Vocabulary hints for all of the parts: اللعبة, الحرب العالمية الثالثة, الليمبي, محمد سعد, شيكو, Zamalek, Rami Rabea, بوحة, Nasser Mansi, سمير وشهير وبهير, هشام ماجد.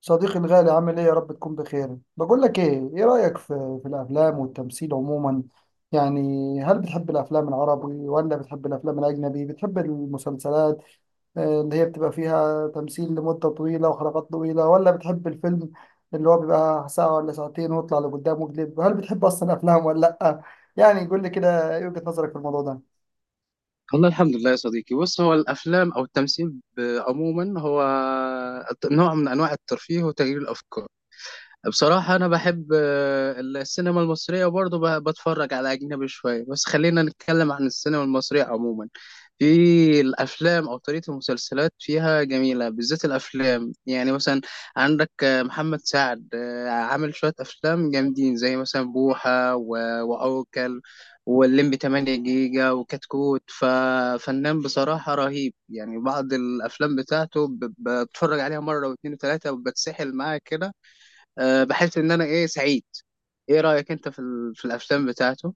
صديقي الغالي، عامل ايه؟ يا رب تكون بخير. بقول لك ايه رأيك في الافلام والتمثيل عموما؟ يعني هل بتحب الافلام العربي ولا بتحب الافلام الاجنبي؟ بتحب المسلسلات اللي هي بتبقى فيها تمثيل لمدة طويلة وحلقات طويلة، ولا بتحب الفيلم اللي هو بيبقى ساعة ولا ساعتين ويطلع لقدام مقلب؟ هل بتحب اصلا افلام ولا لا؟ يعني قول لي كده، ايه وجهة نظرك في الموضوع ده؟ والله الحمد لله يا صديقي. بص، هو الافلام او التمثيل عموما هو نوع من انواع الترفيه وتغيير الافكار. بصراحة أنا بحب السينما المصرية وبرضه بتفرج على أجنبي شوية. بس خلينا نتكلم عن السينما المصرية عموما. في الأفلام أو طريقة المسلسلات فيها جميلة، بالذات الأفلام. يعني مثلا عندك محمد سعد، عامل شوية أفلام جامدين زي مثلا بوحة وعوكل واللمبي 8 جيجا وكتكوت. ففنان بصراحة رهيب، يعني بعض الأفلام بتاعته بتفرج عليها مرة واتنين وتلاتة وبتسحل معاه كده. أه بحس ان انا ايه سعيد. ايه رأيك انت في في الافلام بتاعته؟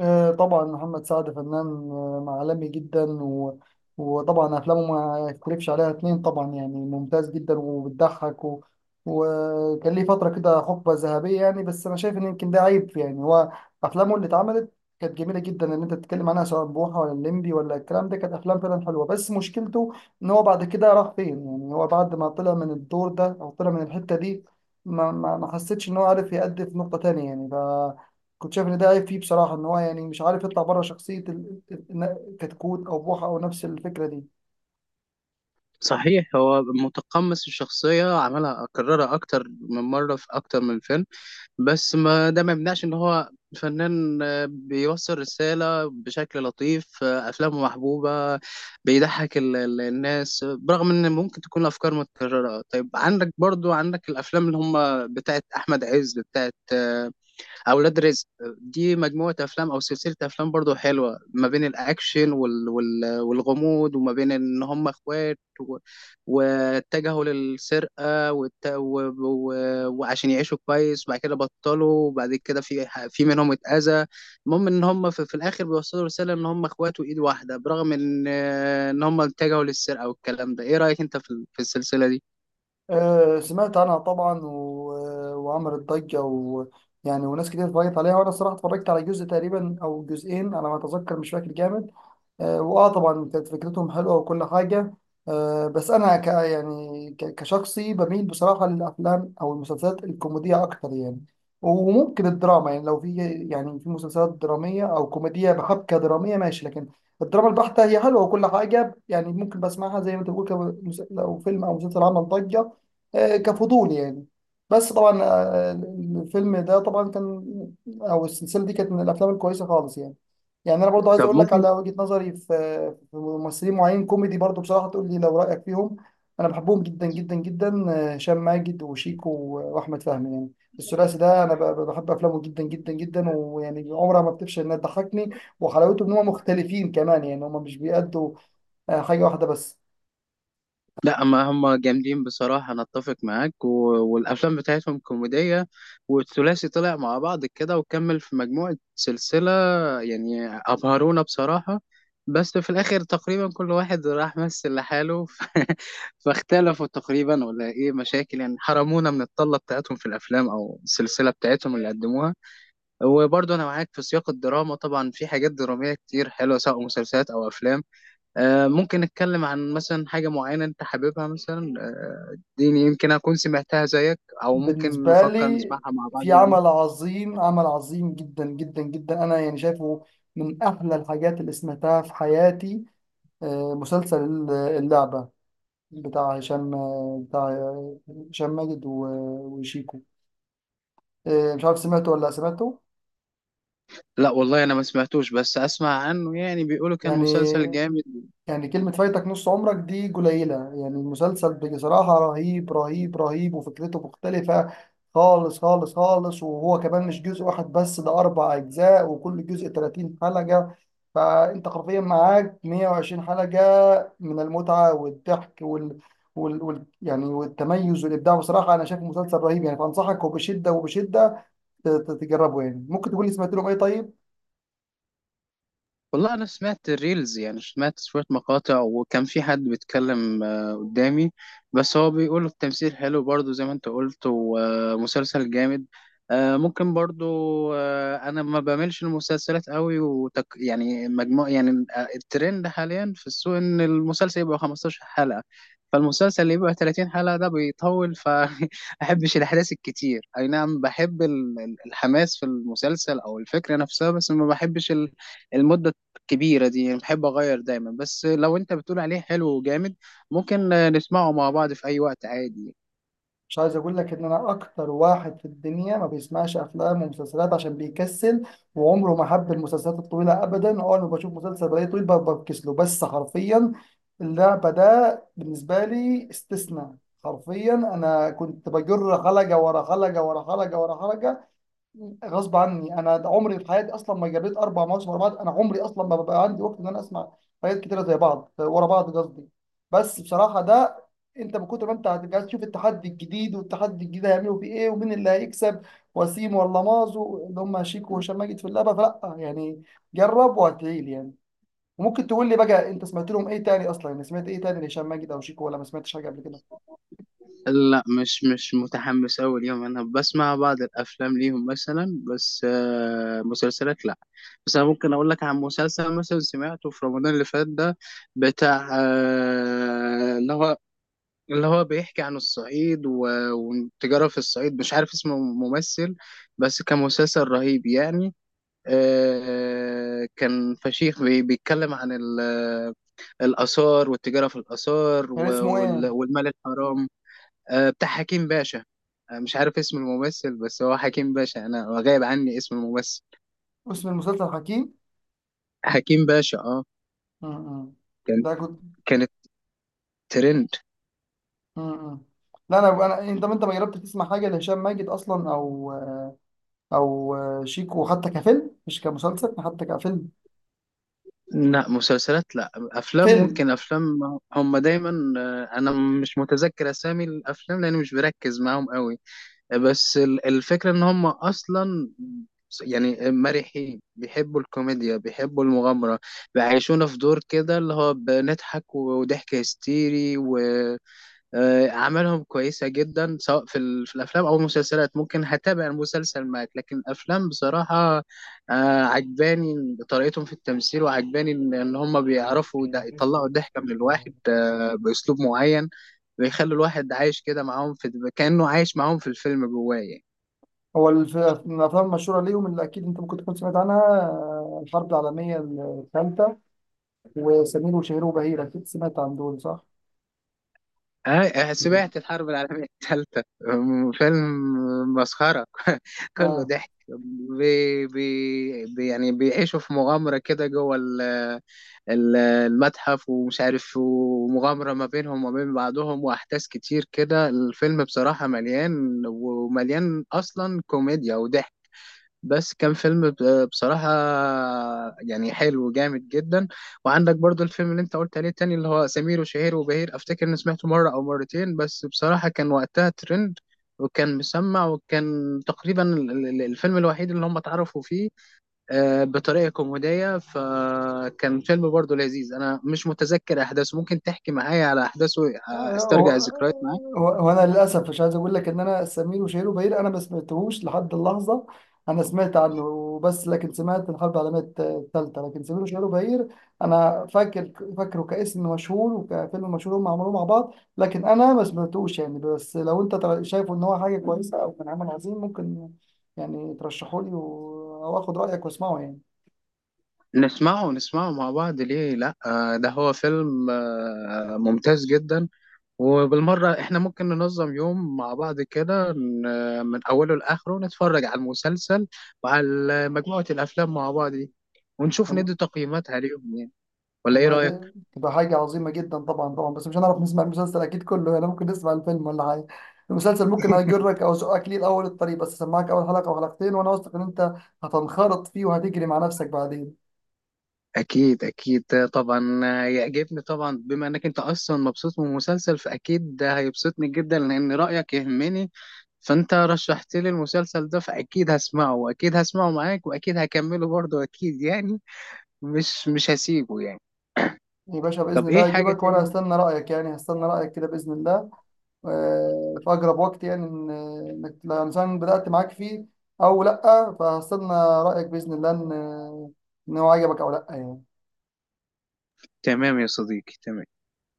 طبعا محمد سعد فنان عالمي جدا، وطبعا افلامه ما يختلفش عليها اتنين، طبعا يعني ممتاز جدا وبتضحك، وكان ليه فتره كده، حقبه ذهبيه يعني. بس انا شايف ان يمكن ده عيب يعني، هو افلامه اللي اتعملت كانت جميله جدا، ان انت تتكلم عنها سواء بوحه ولا الليمبي ولا الكلام ده، كانت افلام فعلا حلوه. بس مشكلته ان هو بعد كده راح فين يعني؟ هو بعد ما طلع من الدور ده او طلع من الحته دي، ما حسيتش ان هو عارف يأدي في نقطه تانيه يعني. ف كنت شايف ان ده عيب فيه بصراحه، ان هو يعني مش عارف يطلع بره شخصيه كتكوت او بوحه او نفس الفكره دي. صحيح هو متقمص الشخصية، عملها أكررها أكتر من مرة في أكتر من فيلم، بس ما ده ما يمنعش إن هو فنان، بيوصل رسالة بشكل لطيف، أفلامه محبوبة، بيضحك الناس برغم إن ممكن تكون الأفكار متكررة. طيب عندك برضو، عندك الأفلام اللي هم بتاعت أحمد عز، بتاعت اولاد رزق. دي مجموعه افلام او سلسله افلام برضو حلوه، ما بين الاكشن والغموض، وما بين ان هم اخوات واتجهوا للسرقه وعشان يعيشوا كويس. بعد كده بطلوا، وبعد كده في منهم اتاذى. المهم ان هم في الاخر بيوصلوا رساله ان هم اخوات وايد واحده برغم ان هم اتجهوا للسرقه والكلام ده. ايه رايك انت في, في السلسله دي؟ سمعت عنها طبعا، و... آه، وعملت ضجة يعني، وناس كتير اتفرجت عليها. وانا الصراحة اتفرجت على جزء تقريبا او جزئين على ما اتذكر، مش فاكر جامد. واه طبعا كانت فكرتهم حلوة وكل حاجة. بس انا يعني كشخصي بميل بصراحة للافلام او المسلسلات الكوميدية اكتر يعني. وممكن الدراما يعني، لو في، يعني في مسلسلات درامية او كوميدية بحبكة درامية ماشي، لكن الدراما البحتة هي حلوة وكل حاجة يعني. ممكن بسمعها زي ما انت بتقول، لو فيلم او مسلسل عمل ضجة، كفضول يعني. بس طبعا، الفيلم ده طبعا كان، او السلسله دي كانت من الافلام الكويسه خالص يعني. يعني انا برضو عايز طب اقول لك ممكن. على وجهه نظري في، في ممثلين معين كوميدي برضو بصراحه، تقول لي لو رايك فيهم. انا بحبهم جدا جدا جدا، هشام ماجد وشيكو واحمد فهمي يعني. الثلاثي ده انا بحب افلامه جدا جدا جدا، ويعني عمرها ما بتفشل انها تضحكني. وحلاوته ان هم مختلفين كمان، يعني هم مش بيأدوا حاجه واحده بس. لا ما هم جامدين بصراحة، أنا أتفق معاك. والأفلام بتاعتهم كوميدية، والثلاثي طلع مع بعض كده وكمل في مجموعة سلسلة، يعني أبهرونا بصراحة. بس في الآخر تقريبا كل واحد راح مثل لحاله فاختلفوا تقريبا ولا إيه مشاكل، يعني حرمونا من الطلة بتاعتهم في الأفلام أو السلسلة بتاعتهم اللي قدموها. وبرضه أنا معاك في سياق الدراما، طبعا في حاجات درامية كتير حلوة سواء مسلسلات أو أفلام. ممكن نتكلم عن مثلا حاجة معينة أنت حاببها مثلا، دي يمكن أكون سمعتها زيك، أو ممكن بالنسبة نفكر لي، نسمعها مع بعض في بقى. عمل عظيم، عمل عظيم جدا جدا جدا، أنا يعني شايفه من أحلى الحاجات اللي سمعتها في حياتي: مسلسل اللعبة، بتاع هشام ماجد وشيكو. مش عارف سمعته ولا لأ، سمعته؟ لا والله أنا ما سمعتوش، بس أسمع عنه يعني، بيقولوا كان يعني مسلسل جامد. يعني كلمة فايتك نص عمرك دي قليلة يعني. المسلسل بصراحة رهيب رهيب رهيب، وفكرته مختلفة خالص خالص خالص، وهو كمان مش جزء واحد بس، ده أربع أجزاء وكل جزء 30 حلقة. فأنت حرفيا معاك 120 حلقة من المتعة والضحك يعني، والتميز والإبداع. بصراحة أنا شايف مسلسل رهيب يعني، فأنصحك وبشدة وبشدة تجربه يعني. ممكن تقول لي سمعت لهم إيه طيب؟ والله انا سمعت الريلز، يعني سمعت شويه مقاطع وكان في حد بيتكلم قدامي، بس هو بيقول التمثيل حلو برضو زي ما انت قلت، ومسلسل جامد. ممكن برضو. انا ما بعملش المسلسلات قوي وتك يعني مجموع يعني. الترند حاليا في السوق ان المسلسل يبقى 15 حلقه، فالمسلسل اللي يبقى 30 حلقه ده بيطول. فاحبش الاحداث الكتير. اي نعم بحب الحماس في المسلسل او الفكره نفسها، بس ما بحبش المدة كبيرة دي، يعني بحب أغير دايما. بس لو أنت بتقول عليه حلو وجامد، ممكن نسمعه مع بعض في أي وقت عادي. مش عايز اقول لك ان انا اكتر واحد في الدنيا ما بيسمعش افلام ومسلسلات عشان بيكسل، وعمره ما حب المسلسلات الطويله ابدا. اه انا بشوف مسلسل بلاقيه طويل بفكس له. بس حرفيا اللعبه ده بالنسبه لي استثناء. حرفيا انا كنت بجر حلقه ورا حلقه ورا حلقه ورا حلقه غصب عني. انا عمري في حياتي اصلا ما جريت اربع مواسم ورا بعض، انا عمري اصلا ما ببقى عندي وقت ان انا اسمع حاجات كتيره زي بعض ورا بعض قصدي. بس بصراحه، ده انت من كتر ما انت هتبقى عايز تشوف التحدي الجديد، والتحدي الجديد هيعملوا فيه ايه، ومين اللي هيكسب، وسيم ولا مازو، اللي هم شيكو وهشام ماجد في اللعبه. فلا يعني، جرب وهتعيل يعني. وممكن تقول لي بقى، انت سمعت لهم ايه تاني اصلا؟ يعني سمعت ايه تاني لهشام ماجد او شيكو، ولا ما سمعتش حاجه قبل كده؟ لا مش متحمس أوي ليهم، أنا بسمع بعض الأفلام ليهم مثلا بس، مسلسلات لا. بس أنا ممكن أقول لك عن مسلسل مثلا سمعته في رمضان اللي فات ده، بتاع اللي هو بيحكي عن الصعيد والتجارة في الصعيد، مش عارف اسمه ممثل، بس كان مسلسل رهيب يعني. كان فشيخ بيتكلم عن الآثار والتجارة في الآثار كان اسمه ايه؟ والمال الحرام. بتاع حكيم باشا. مش عارف اسم الممثل، بس هو حكيم باشا، أنا غايب عني اسم الممثل. اسم المسلسل حكيم. حكيم باشا اه. م- م. كان، ده كنت، كانت ترند. امم لا، انا انا انت ما جربت تسمع حاجه لهشام ماجد اصلا، او شيكو، حتى كفيلم مش كمسلسل، حتى كفيلم، لا مسلسلات لا، أفلام فيلم؟ ممكن، أفلام هم دايما. أنا مش متذكر أسامي الأفلام لأني مش بركز معاهم قوي، بس الفكرة ان هم اصلا يعني مرحين، بيحبوا الكوميديا، بيحبوا المغامرة، بيعيشونا في دور كده اللي هو بنضحك وضحك هستيري، وأعمالهم كويسة جدا سواء في, في الأفلام أو المسلسلات. ممكن هتابع المسلسل معاك، لكن الأفلام بصراحة عجباني طريقتهم في التمثيل، وعجباني إن هم بيعرفوا يطلعوا الضحكة من الواحد بأسلوب معين، بيخلي الواحد عايش كده معاهم، في كأنه عايش معاهم في الفيلم جواه يعني. هو من الافلام المشهوره ليهم، اللي اكيد انت ممكن تكون سمعت عنها، الحرب العالميه الثالثه، وسمير وشهير وبهير. اكيد سمعت عن دول، صح؟ آه سمعت الحرب العالمية الثالثة فيلم مسخرة كله آه. ضحك. يعني بيعيشوا في مغامرة كده جوه المتحف ومش عارف، ومغامرة ما بينهم وما بين بعضهم وأحداث كتير كده. الفيلم بصراحة مليان، ومليان أصلا كوميديا وضحك، بس كان فيلم بصراحة يعني حلو جامد جدا. وعندك برضو الفيلم اللي انت قلت عليه التاني اللي هو سمير وشهير وبهير، افتكر اني سمعته مرة او مرتين، بس بصراحة كان وقتها ترند وكان مسمع، وكان تقريبا الفيلم الوحيد اللي هم اتعرفوا فيه بطريقة كوميدية. فكان فيلم برضو لذيذ، انا مش متذكر احداثه، ممكن تحكي معايا على احداثه، استرجع و- الذكريات معاك. وانا للاسف مش عايز اقول لك ان انا سمير وشهير وبهير انا ما سمعتهوش لحد اللحظه. انا سمعت عنه وبس، لكن سمعت الحرب العالميه الثالثه. لكن سمير وشهير وبهير انا فاكر، فاكره كاسم مشهور وكفيلم مشهور هم عملوه مع بعض، لكن انا ما سمعتوش يعني. بس لو انت شايف ان هو حاجه كويسه او كان عمل عظيم، ممكن يعني ترشحه لي، او اخد رايك واسمعه يعني. نسمعه، نسمعه مع بعض ليه لا، ده هو فيلم ممتاز جدا. وبالمرة احنا ممكن ننظم يوم مع بعض كده، من أوله لآخره نتفرج على المسلسل وعلى مجموعة الأفلام مع بعض دي، ونشوف ندي تقييمات عليهم يعني. ولا ايه والله رأيك؟ دي تبقى حاجة عظيمة جدا، طبعا طبعا، بس مش هنعرف نسمع المسلسل أكيد كله يعني، ممكن نسمع الفيلم ولا حاجة. المسلسل ممكن أجرك أو أزقك ليه الأول الطريق، بس أسمعك أول حلقة أو حلقتين وأنا واثق إن أنت هتنخرط فيه وهتجري مع نفسك بعدين. أكيد أكيد طبعا. يعجبني طبعا، بما إنك أنت أصلا مبسوط من المسلسل فأكيد ده هيبسطني جدا لأن رأيك يهمني، فأنت رشحت لي المسلسل ده فأكيد هسمعه، وأكيد هسمعه معاك، وأكيد هكمله برضه أكيد يعني، مش هسيبه يعني. يا باشا، بإذن طب ايه الله حاجة أجيبك تاني؟ وأنا هستنى رأيك يعني، هستنى رأيك كده بإذن الله. في أقرب وقت يعني، إنك لو مثلا بدأت معاك فيه أو لأ، فهستنى رأيك بإذن الله، إن هو عجبك أو لأ يعني. تمام يا صديقي تمام.